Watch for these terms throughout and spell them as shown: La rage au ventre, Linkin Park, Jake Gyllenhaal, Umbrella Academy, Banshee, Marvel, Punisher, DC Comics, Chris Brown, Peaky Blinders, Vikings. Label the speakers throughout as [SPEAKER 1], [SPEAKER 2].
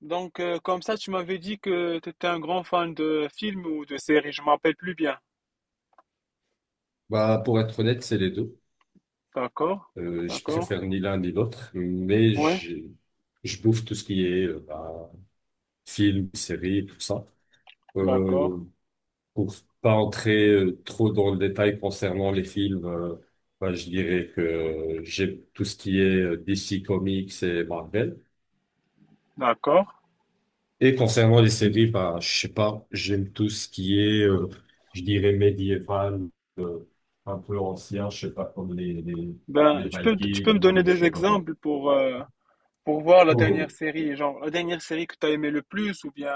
[SPEAKER 1] Comme ça, tu m'avais dit que tu étais un grand fan de films ou de séries, je ne me rappelle plus bien.
[SPEAKER 2] Bah, pour être honnête, c'est les deux.
[SPEAKER 1] D'accord,
[SPEAKER 2] Je
[SPEAKER 1] d'accord,
[SPEAKER 2] préfère ni l'un ni l'autre, mais
[SPEAKER 1] ouais,
[SPEAKER 2] je bouffe tout ce qui est bah, film, série, tout ça.
[SPEAKER 1] d'accord,
[SPEAKER 2] Euh, pour pas entrer trop dans le détail concernant les films, bah, je dirais que j'aime tout ce qui est DC Comics et Marvel.
[SPEAKER 1] d'accord.
[SPEAKER 2] Et concernant les séries, bah, je sais pas, j'aime tout ce qui est, je dirais médiéval, un peu ancien, je sais pas, comme
[SPEAKER 1] Ben,
[SPEAKER 2] les
[SPEAKER 1] tu peux, tu peux me
[SPEAKER 2] Vikings
[SPEAKER 1] donner
[SPEAKER 2] ou je
[SPEAKER 1] des
[SPEAKER 2] sais pas quoi.
[SPEAKER 1] exemples pour voir la
[SPEAKER 2] Oh,
[SPEAKER 1] dernière série, genre la dernière série que tu as aimé le plus ou bien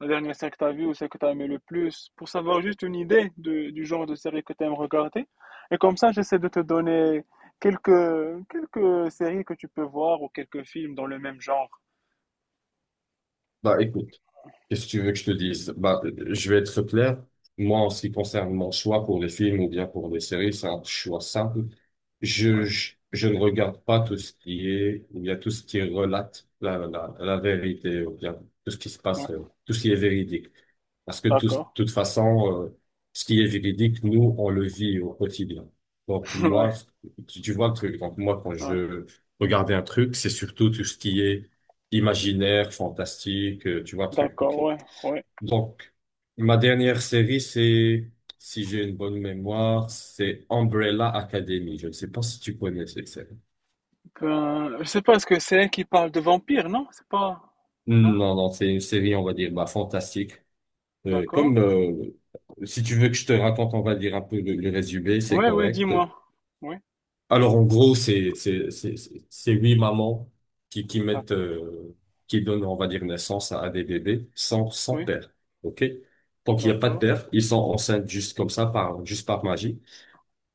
[SPEAKER 1] la dernière série que tu as vue ou celle que tu as aimé le plus, pour savoir juste une idée de- du genre de série que tu aimes regarder. Et comme ça, j'essaie de te donner quelques, quelques séries que tu peux voir ou quelques films dans le même genre.
[SPEAKER 2] bah écoute, qu'est-ce que tu veux que je te dise? Bah, je vais être clair. Moi, en ce qui concerne mon choix pour les films ou bien pour les séries, c'est un choix simple.
[SPEAKER 1] Ouais,
[SPEAKER 2] Je ne regarde pas tout ce qui est, ou bien tout ce qui relate la vérité, ou bien tout ce qui se
[SPEAKER 1] ouais,
[SPEAKER 2] passe, tout ce qui est véridique. Parce que tout, de
[SPEAKER 1] d'accord.
[SPEAKER 2] toute façon, ce qui est véridique, nous, on le vit au quotidien. Donc
[SPEAKER 1] Ouais,
[SPEAKER 2] moi, tu vois le truc. Donc moi, quand je
[SPEAKER 1] ouais.
[SPEAKER 2] veux regarder un truc, c'est surtout tout ce qui est imaginaire, fantastique, tu vois, truc.
[SPEAKER 1] D'accord,
[SPEAKER 2] OK.
[SPEAKER 1] ouais, ouais.
[SPEAKER 2] Donc, ma dernière série, c'est, si j'ai une bonne mémoire, c'est Umbrella Academy. Je ne sais pas si tu connais cette série.
[SPEAKER 1] Je sais pas, est-ce que c'est elle qui parle de vampire, non? C'est pas... Non?
[SPEAKER 2] Non, non, c'est une série, on va dire, bah, fantastique. Euh,
[SPEAKER 1] D'accord.
[SPEAKER 2] comme, euh, Si tu veux que je te raconte, on va dire un peu le résumé, c'est
[SPEAKER 1] Ouais, ouais,
[SPEAKER 2] correct.
[SPEAKER 1] dis-moi. Oui,
[SPEAKER 2] Alors, en gros, c'est huit mamans qui mettent,
[SPEAKER 1] d'accord.
[SPEAKER 2] qui donnent, on va dire, naissance à des bébés sans
[SPEAKER 1] Oui,
[SPEAKER 2] père. OK? Donc, il n'y a pas de
[SPEAKER 1] d'accord.
[SPEAKER 2] père. Ils sont enceintes juste comme ça, par, juste par magie.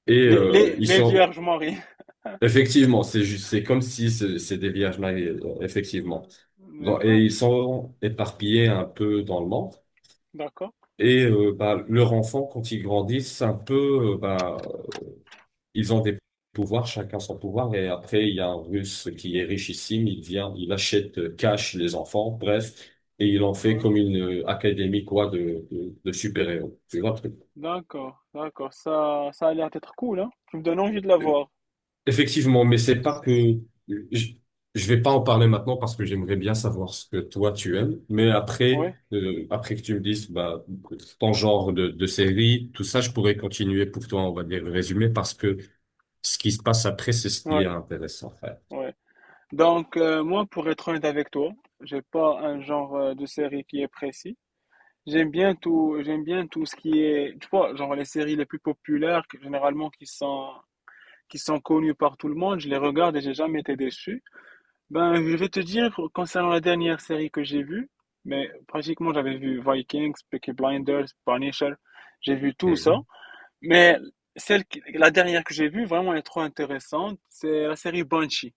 [SPEAKER 2] Et,
[SPEAKER 1] Les, les,
[SPEAKER 2] ils
[SPEAKER 1] les
[SPEAKER 2] sont,
[SPEAKER 1] Vierges Marie.
[SPEAKER 2] effectivement, c'est juste, c'est comme si c'est des vierges mariées, effectivement. Donc, et
[SPEAKER 1] D'accord,
[SPEAKER 2] ils sont éparpillés un peu dans le monde.
[SPEAKER 1] d'accord.
[SPEAKER 2] Et, bah, leur enfant, quand ils grandissent, un peu, bah, ils ont des pouvoirs, chacun son pouvoir. Et après, il y a un Russe qui est richissime. Il vient, il achète cash les enfants, bref. Et il en fait
[SPEAKER 1] Ouais.
[SPEAKER 2] comme une académie, quoi, de super-héros. Tu vois le truc.
[SPEAKER 1] D'accord, d'accord. Ça a l'air d'être cool, hein? Tu me donnes envie de la voir.
[SPEAKER 2] Effectivement, mais c'est pas que... Je, je vais pas en parler maintenant parce que j'aimerais bien savoir ce que toi tu aimes. Mais après,
[SPEAKER 1] Ouais,
[SPEAKER 2] après que tu me dises, bah, ton genre de série, tout ça, je pourrais continuer pour toi, on va dire, le résumé parce que ce qui se passe après, c'est ce qui est
[SPEAKER 1] ouais,
[SPEAKER 2] intéressant, frère.
[SPEAKER 1] ouais. Moi, pour être honnête avec toi, j'ai pas un genre de série qui est précis. J'aime bien tout ce qui est, tu vois, genre les séries les plus populaires, que- généralement qui sont connues par tout le monde, je les regarde et j'ai jamais été déçu. Ben, je vais te dire, concernant la dernière série que j'ai vue, mais pratiquement j'avais vu Vikings, Peaky Blinders, Punisher, j'ai vu tout ça.
[SPEAKER 2] Mhm.
[SPEAKER 1] Mais celle, qui- la dernière que j'ai vue, vraiment elle est trop intéressante, c'est la série Banshee.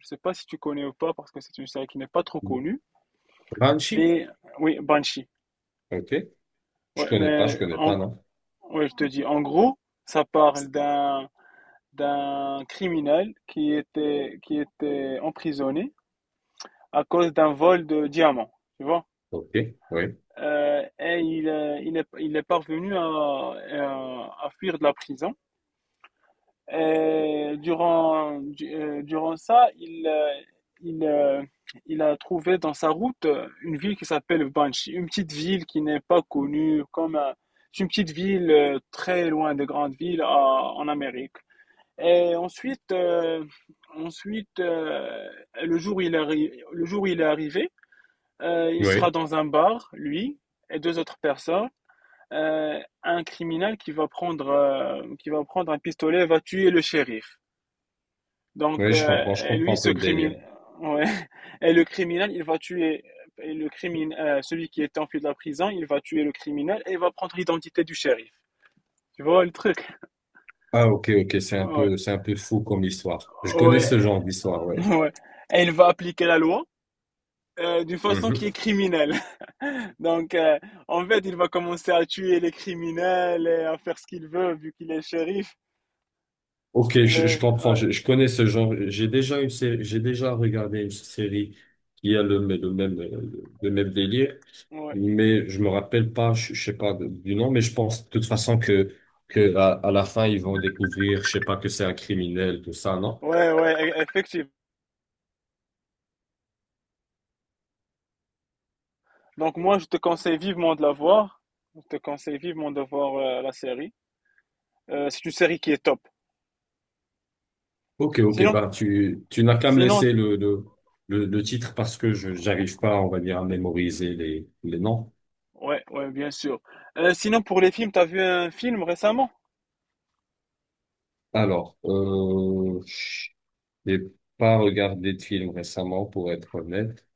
[SPEAKER 1] Je sais pas si tu connais ou pas, parce que c'est une série qui n'est pas trop connue,
[SPEAKER 2] Banshee.
[SPEAKER 1] mais oui, Banshee.
[SPEAKER 2] Ok.
[SPEAKER 1] Ouais,
[SPEAKER 2] Je
[SPEAKER 1] mais
[SPEAKER 2] connais pas,
[SPEAKER 1] en,
[SPEAKER 2] non.
[SPEAKER 1] ouais, je te dis, en gros, ça parle d'un d'un criminel qui était emprisonné à cause d'un vol de diamants, tu vois.
[SPEAKER 2] Ok. Oui.
[SPEAKER 1] Et il est parvenu à fuir de la prison. Et durant du- durant ça, il euh, il a trouvé dans sa route une ville qui s'appelle Banshee, une petite ville qui n'est pas connue comme un- c'est une petite ville très loin des grandes villes à- en Amérique. Et ensuite, ensuite euh, le jour où il arri- le jour où il est arrivé, il sera
[SPEAKER 2] Oui.
[SPEAKER 1] dans un bar, lui et deux autres personnes. Un criminel qui va prendre un pistolet et va tuer le shérif. Donc,
[SPEAKER 2] Oui,
[SPEAKER 1] euh,
[SPEAKER 2] je
[SPEAKER 1] et
[SPEAKER 2] comprends
[SPEAKER 1] lui,
[SPEAKER 2] un peu
[SPEAKER 1] ce
[SPEAKER 2] le délire.
[SPEAKER 1] criminel, ouais. Et le criminel, il va tuer et le crimin- celui qui est enfui de la prison, il va tuer le criminel et il va prendre l'identité du shérif. Tu vois le truc?
[SPEAKER 2] Ah, ok, ok,
[SPEAKER 1] Ouais,
[SPEAKER 2] c'est un peu fou comme histoire. Je connais ce
[SPEAKER 1] ouais,
[SPEAKER 2] genre d'histoire, ouais.
[SPEAKER 1] ouais. Et il va appliquer la loi d'une façon
[SPEAKER 2] Mhm.
[SPEAKER 1] qui est criminelle. Donc, euh, En fait, il va commencer à tuer les criminels et à faire ce qu'il veut vu qu'il est shérif.
[SPEAKER 2] Ok, je comprends,
[SPEAKER 1] Ouais,
[SPEAKER 2] je connais ce genre. J'ai déjà une série, j'ai déjà regardé une série qui a le même délire,
[SPEAKER 1] ouais,
[SPEAKER 2] mais je me rappelle pas, je sais pas de- du nom, mais je pense de toute façon que à la fin ils vont découvrir, je sais pas que c'est un criminel, tout ça, non?
[SPEAKER 1] ouais, ouais, e- effectivement. Donc, moi, je te conseille vivement de la voir. Je te conseille vivement de voir la série. C'est une série qui est top.
[SPEAKER 2] Ok, ok,
[SPEAKER 1] Sinon,
[SPEAKER 2] bah tu n'as qu'à me laisser
[SPEAKER 1] sinon,
[SPEAKER 2] le titre parce que je j'arrive pas, on va dire, à mémoriser les noms.
[SPEAKER 1] ouais, ouais, bien sûr. Sinon, pour les films, t'as vu un film récemment?
[SPEAKER 2] Alors, j'ai pas regardé de film récemment, pour être honnête.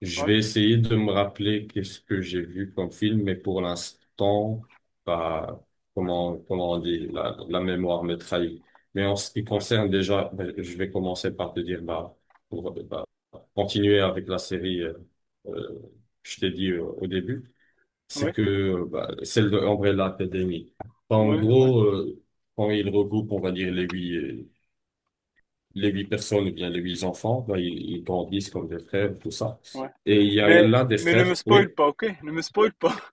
[SPEAKER 2] Je
[SPEAKER 1] Ouais,
[SPEAKER 2] vais essayer de me rappeler qu'est-ce que j'ai vu comme film, mais pour l'instant, bah, comment on dit, la mémoire me trahit. Mais en ce qui
[SPEAKER 1] ouais,
[SPEAKER 2] concerne déjà, bah, je vais commencer par te dire, bah, pour bah, continuer avec la série, euh, je t'ai dit au début, c'est
[SPEAKER 1] ouais,
[SPEAKER 2] que bah, celle de Umbrella Academy. Bah, en
[SPEAKER 1] ouais, ouais,
[SPEAKER 2] gros, quand ils regroupent, on va dire, les huit personnes, ou bien les huit enfants, ben, ils grandissent
[SPEAKER 1] ouais,
[SPEAKER 2] comme des frères, tout ça.
[SPEAKER 1] ouais.
[SPEAKER 2] Et il y a
[SPEAKER 1] Mais,
[SPEAKER 2] l'un des
[SPEAKER 1] mais ne me
[SPEAKER 2] frères,
[SPEAKER 1] spoil
[SPEAKER 2] oui.
[SPEAKER 1] pas, ok? Ne me spoil pas.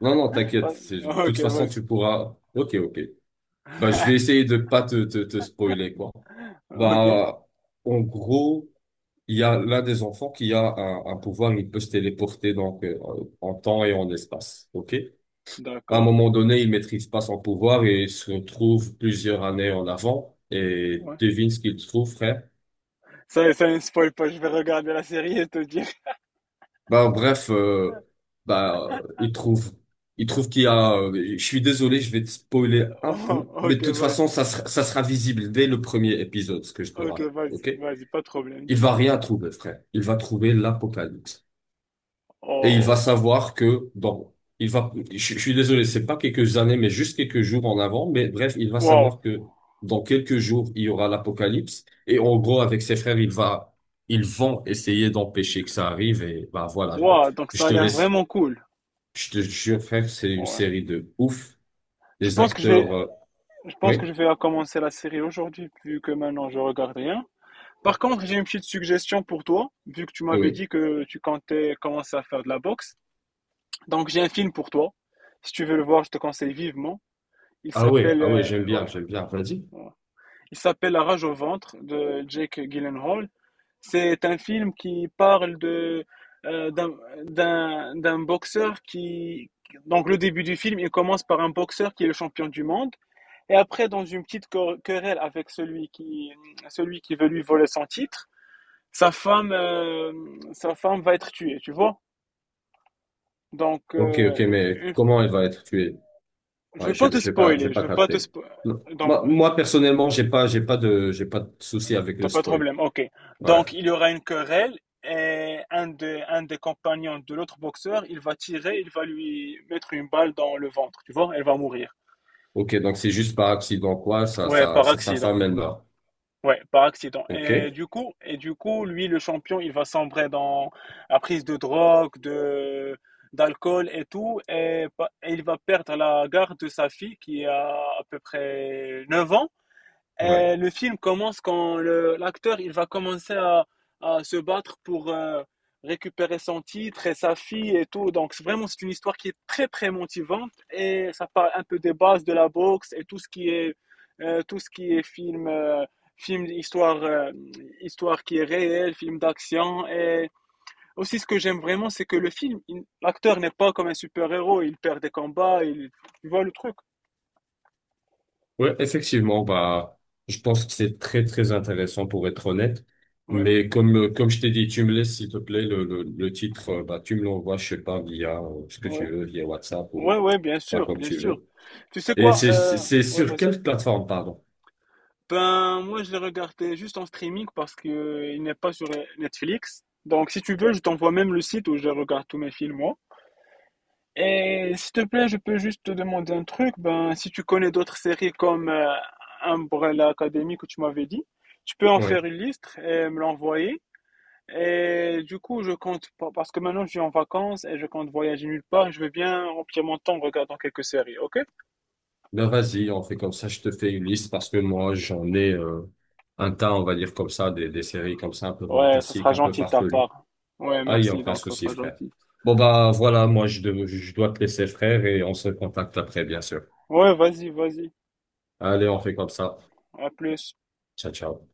[SPEAKER 2] Non, non, t'inquiète. C'est- De
[SPEAKER 1] Ok,
[SPEAKER 2] toute façon,
[SPEAKER 1] vas-y.
[SPEAKER 2] tu pourras. Ok, ok. Bah, je vais essayer de pas te spoiler, quoi.
[SPEAKER 1] Ok,
[SPEAKER 2] Bah, en gros, il y a l'un des enfants qui a un pouvoir, il peut se téléporter donc en temps et en espace. Ok? À un
[SPEAKER 1] d'accord.
[SPEAKER 2] moment donné, il maîtrise pas son pouvoir et il se retrouve plusieurs années en avant. Et
[SPEAKER 1] Ouais.
[SPEAKER 2] devine ce qu'il trouve, frère.
[SPEAKER 1] Ça ne spoil pas, je vais regarder la série et te dire.
[SPEAKER 2] Bah, bref, bah, il trouve qu'il y a, je suis désolé, je vais te spoiler un
[SPEAKER 1] Oh,
[SPEAKER 2] peu, mais de
[SPEAKER 1] ok,
[SPEAKER 2] toute façon,
[SPEAKER 1] vas-y.
[SPEAKER 2] ça sera visible dès le premier épisode, ce que je te
[SPEAKER 1] Ok,
[SPEAKER 2] raconte,
[SPEAKER 1] vas-y,
[SPEAKER 2] ok?
[SPEAKER 1] vas-y, pas de problème,
[SPEAKER 2] Il va
[SPEAKER 1] dis-moi.
[SPEAKER 2] rien trouver, frère. Il va trouver l'apocalypse. Et il va
[SPEAKER 1] Oh,
[SPEAKER 2] savoir que, bon, il va, je suis désolé, c'est pas quelques années, mais juste quelques jours en avant, mais bref, il va
[SPEAKER 1] wow.
[SPEAKER 2] savoir que dans quelques jours, il y aura l'apocalypse. Et en gros, avec ses frères, il va, ils vont essayer d'empêcher que ça arrive, et bah, voilà.
[SPEAKER 1] Wow, donc
[SPEAKER 2] Je
[SPEAKER 1] ça a
[SPEAKER 2] te
[SPEAKER 1] l'air
[SPEAKER 2] laisse,
[SPEAKER 1] vraiment cool.
[SPEAKER 2] je te jure, frère, c'est une
[SPEAKER 1] Ouais.
[SPEAKER 2] série de ouf.
[SPEAKER 1] Je
[SPEAKER 2] Les
[SPEAKER 1] pense que je vais,
[SPEAKER 2] acteurs,
[SPEAKER 1] je pense que je
[SPEAKER 2] oui,
[SPEAKER 1] vais commencer la série aujourd'hui, vu que maintenant je regarde rien. Par contre, j'ai une petite suggestion pour toi, vu que tu m'avais
[SPEAKER 2] oui.
[SPEAKER 1] dit que tu comptais commencer à faire de la boxe. Donc j'ai un film pour toi. Si tu veux le voir, je te conseille vivement. Il
[SPEAKER 2] Ah ouais,
[SPEAKER 1] s'appelle,
[SPEAKER 2] ah ouais, j'aime bien,
[SPEAKER 1] ouais.
[SPEAKER 2] j'aime bien. Vas-y.
[SPEAKER 1] Il s'appelle La rage au ventre de Jake Gyllenhaal. C'est un film qui parle de d'un d'un boxeur qui donc le début du film, il commence par un boxeur qui est le champion du monde et après dans une petite quer- querelle avec celui qui veut lui voler son titre, sa femme euh, sa femme va être tuée, tu vois.
[SPEAKER 2] Ok, ok, mais
[SPEAKER 1] Une- une-
[SPEAKER 2] comment elle va être tuée?
[SPEAKER 1] je
[SPEAKER 2] Ouais,
[SPEAKER 1] veux pas te
[SPEAKER 2] j'ai
[SPEAKER 1] spoiler, je
[SPEAKER 2] pas
[SPEAKER 1] veux pas te
[SPEAKER 2] capté.
[SPEAKER 1] spoiler.
[SPEAKER 2] Non. Moi, personnellement, j'ai pas de souci avec
[SPEAKER 1] T'as
[SPEAKER 2] le
[SPEAKER 1] pas de
[SPEAKER 2] spoil.
[SPEAKER 1] problème, ok.
[SPEAKER 2] Ouais.
[SPEAKER 1] Donc, il y aura une querelle et un des compagnons de l'autre boxeur, il va tirer, il va lui mettre une balle dans le ventre, tu vois, elle va mourir.
[SPEAKER 2] Ok, donc c'est juste par accident, quoi.
[SPEAKER 1] Ouais, par
[SPEAKER 2] Ça, sa
[SPEAKER 1] accident.
[SPEAKER 2] femme, elle meurt.
[SPEAKER 1] Ouais, par accident.
[SPEAKER 2] Ok.
[SPEAKER 1] Et du coup, lui, le champion, il va sombrer dans la prise de drogue, de d'alcool et tout, et, pa- et il va perdre la garde de sa fille qui a à peu près 9 ans.
[SPEAKER 2] Ouais.
[SPEAKER 1] Et le film commence quand le- l'acteur il va commencer à se battre pour récupérer son titre et sa fille et tout. Donc c'est vraiment c'est une histoire qui est très très motivante et ça parle un peu des bases de la boxe et tout ce qui est tout ce qui est film film histoire histoire qui est réelle, film d'action et aussi ce que j'aime vraiment c'est que le film il- l'acteur n'est pas comme un super-héros, il perd des combats, il voit le truc.
[SPEAKER 2] Ouais, effectivement, bah, je pense que c'est très, très intéressant pour être honnête.
[SPEAKER 1] Ouais,
[SPEAKER 2] Mais comme je t'ai dit, tu me laisses, s'il te plaît, le titre, bah, tu me l'envoies, je sais pas, via ce que tu
[SPEAKER 1] ouais.
[SPEAKER 2] veux, via WhatsApp
[SPEAKER 1] Ouais,
[SPEAKER 2] ou
[SPEAKER 1] ouais, bien
[SPEAKER 2] pas
[SPEAKER 1] sûr,
[SPEAKER 2] comme
[SPEAKER 1] bien
[SPEAKER 2] tu
[SPEAKER 1] sûr.
[SPEAKER 2] veux.
[SPEAKER 1] Tu sais
[SPEAKER 2] Et
[SPEAKER 1] quoi?
[SPEAKER 2] c'est
[SPEAKER 1] Ouais,
[SPEAKER 2] sur
[SPEAKER 1] vas-y.
[SPEAKER 2] quelle plateforme, pardon?
[SPEAKER 1] Ben, moi, je l'ai regardé juste en streaming parce que il n'est pas sur Netflix. Donc, si tu veux, je t'envoie même le site où je regarde tous mes films, moi. Et s'il te plaît, je peux juste te demander un truc. Ben, si tu connais d'autres séries comme Umbrella Academy que tu m'avais dit, tu peux en faire
[SPEAKER 2] Oui.
[SPEAKER 1] une liste et me l'envoyer. Et du coup, je compte pas, parce que maintenant je suis en vacances et je compte voyager nulle part, je veux bien remplir mon temps en regardant quelques séries, ok?
[SPEAKER 2] Ben, vas-y, on fait comme ça, je te fais une liste parce que moi, j'en ai, un tas, on va dire comme ça, des séries comme ça, un peu
[SPEAKER 1] Ouais, ça sera
[SPEAKER 2] fantastiques, un peu
[SPEAKER 1] gentil de ta
[SPEAKER 2] farfelues.
[SPEAKER 1] part. Ouais,
[SPEAKER 2] Ah, il n'y a
[SPEAKER 1] merci,
[SPEAKER 2] aucun
[SPEAKER 1] donc ça
[SPEAKER 2] souci,
[SPEAKER 1] sera
[SPEAKER 2] frère.
[SPEAKER 1] gentil.
[SPEAKER 2] Bon, bah voilà, moi, je, dev- je dois te laisser, frère, et on se contacte après, bien sûr.
[SPEAKER 1] Ouais, vas-y, vas-y.
[SPEAKER 2] Allez, on fait comme ça.
[SPEAKER 1] À plus.
[SPEAKER 2] Ciao, ciao.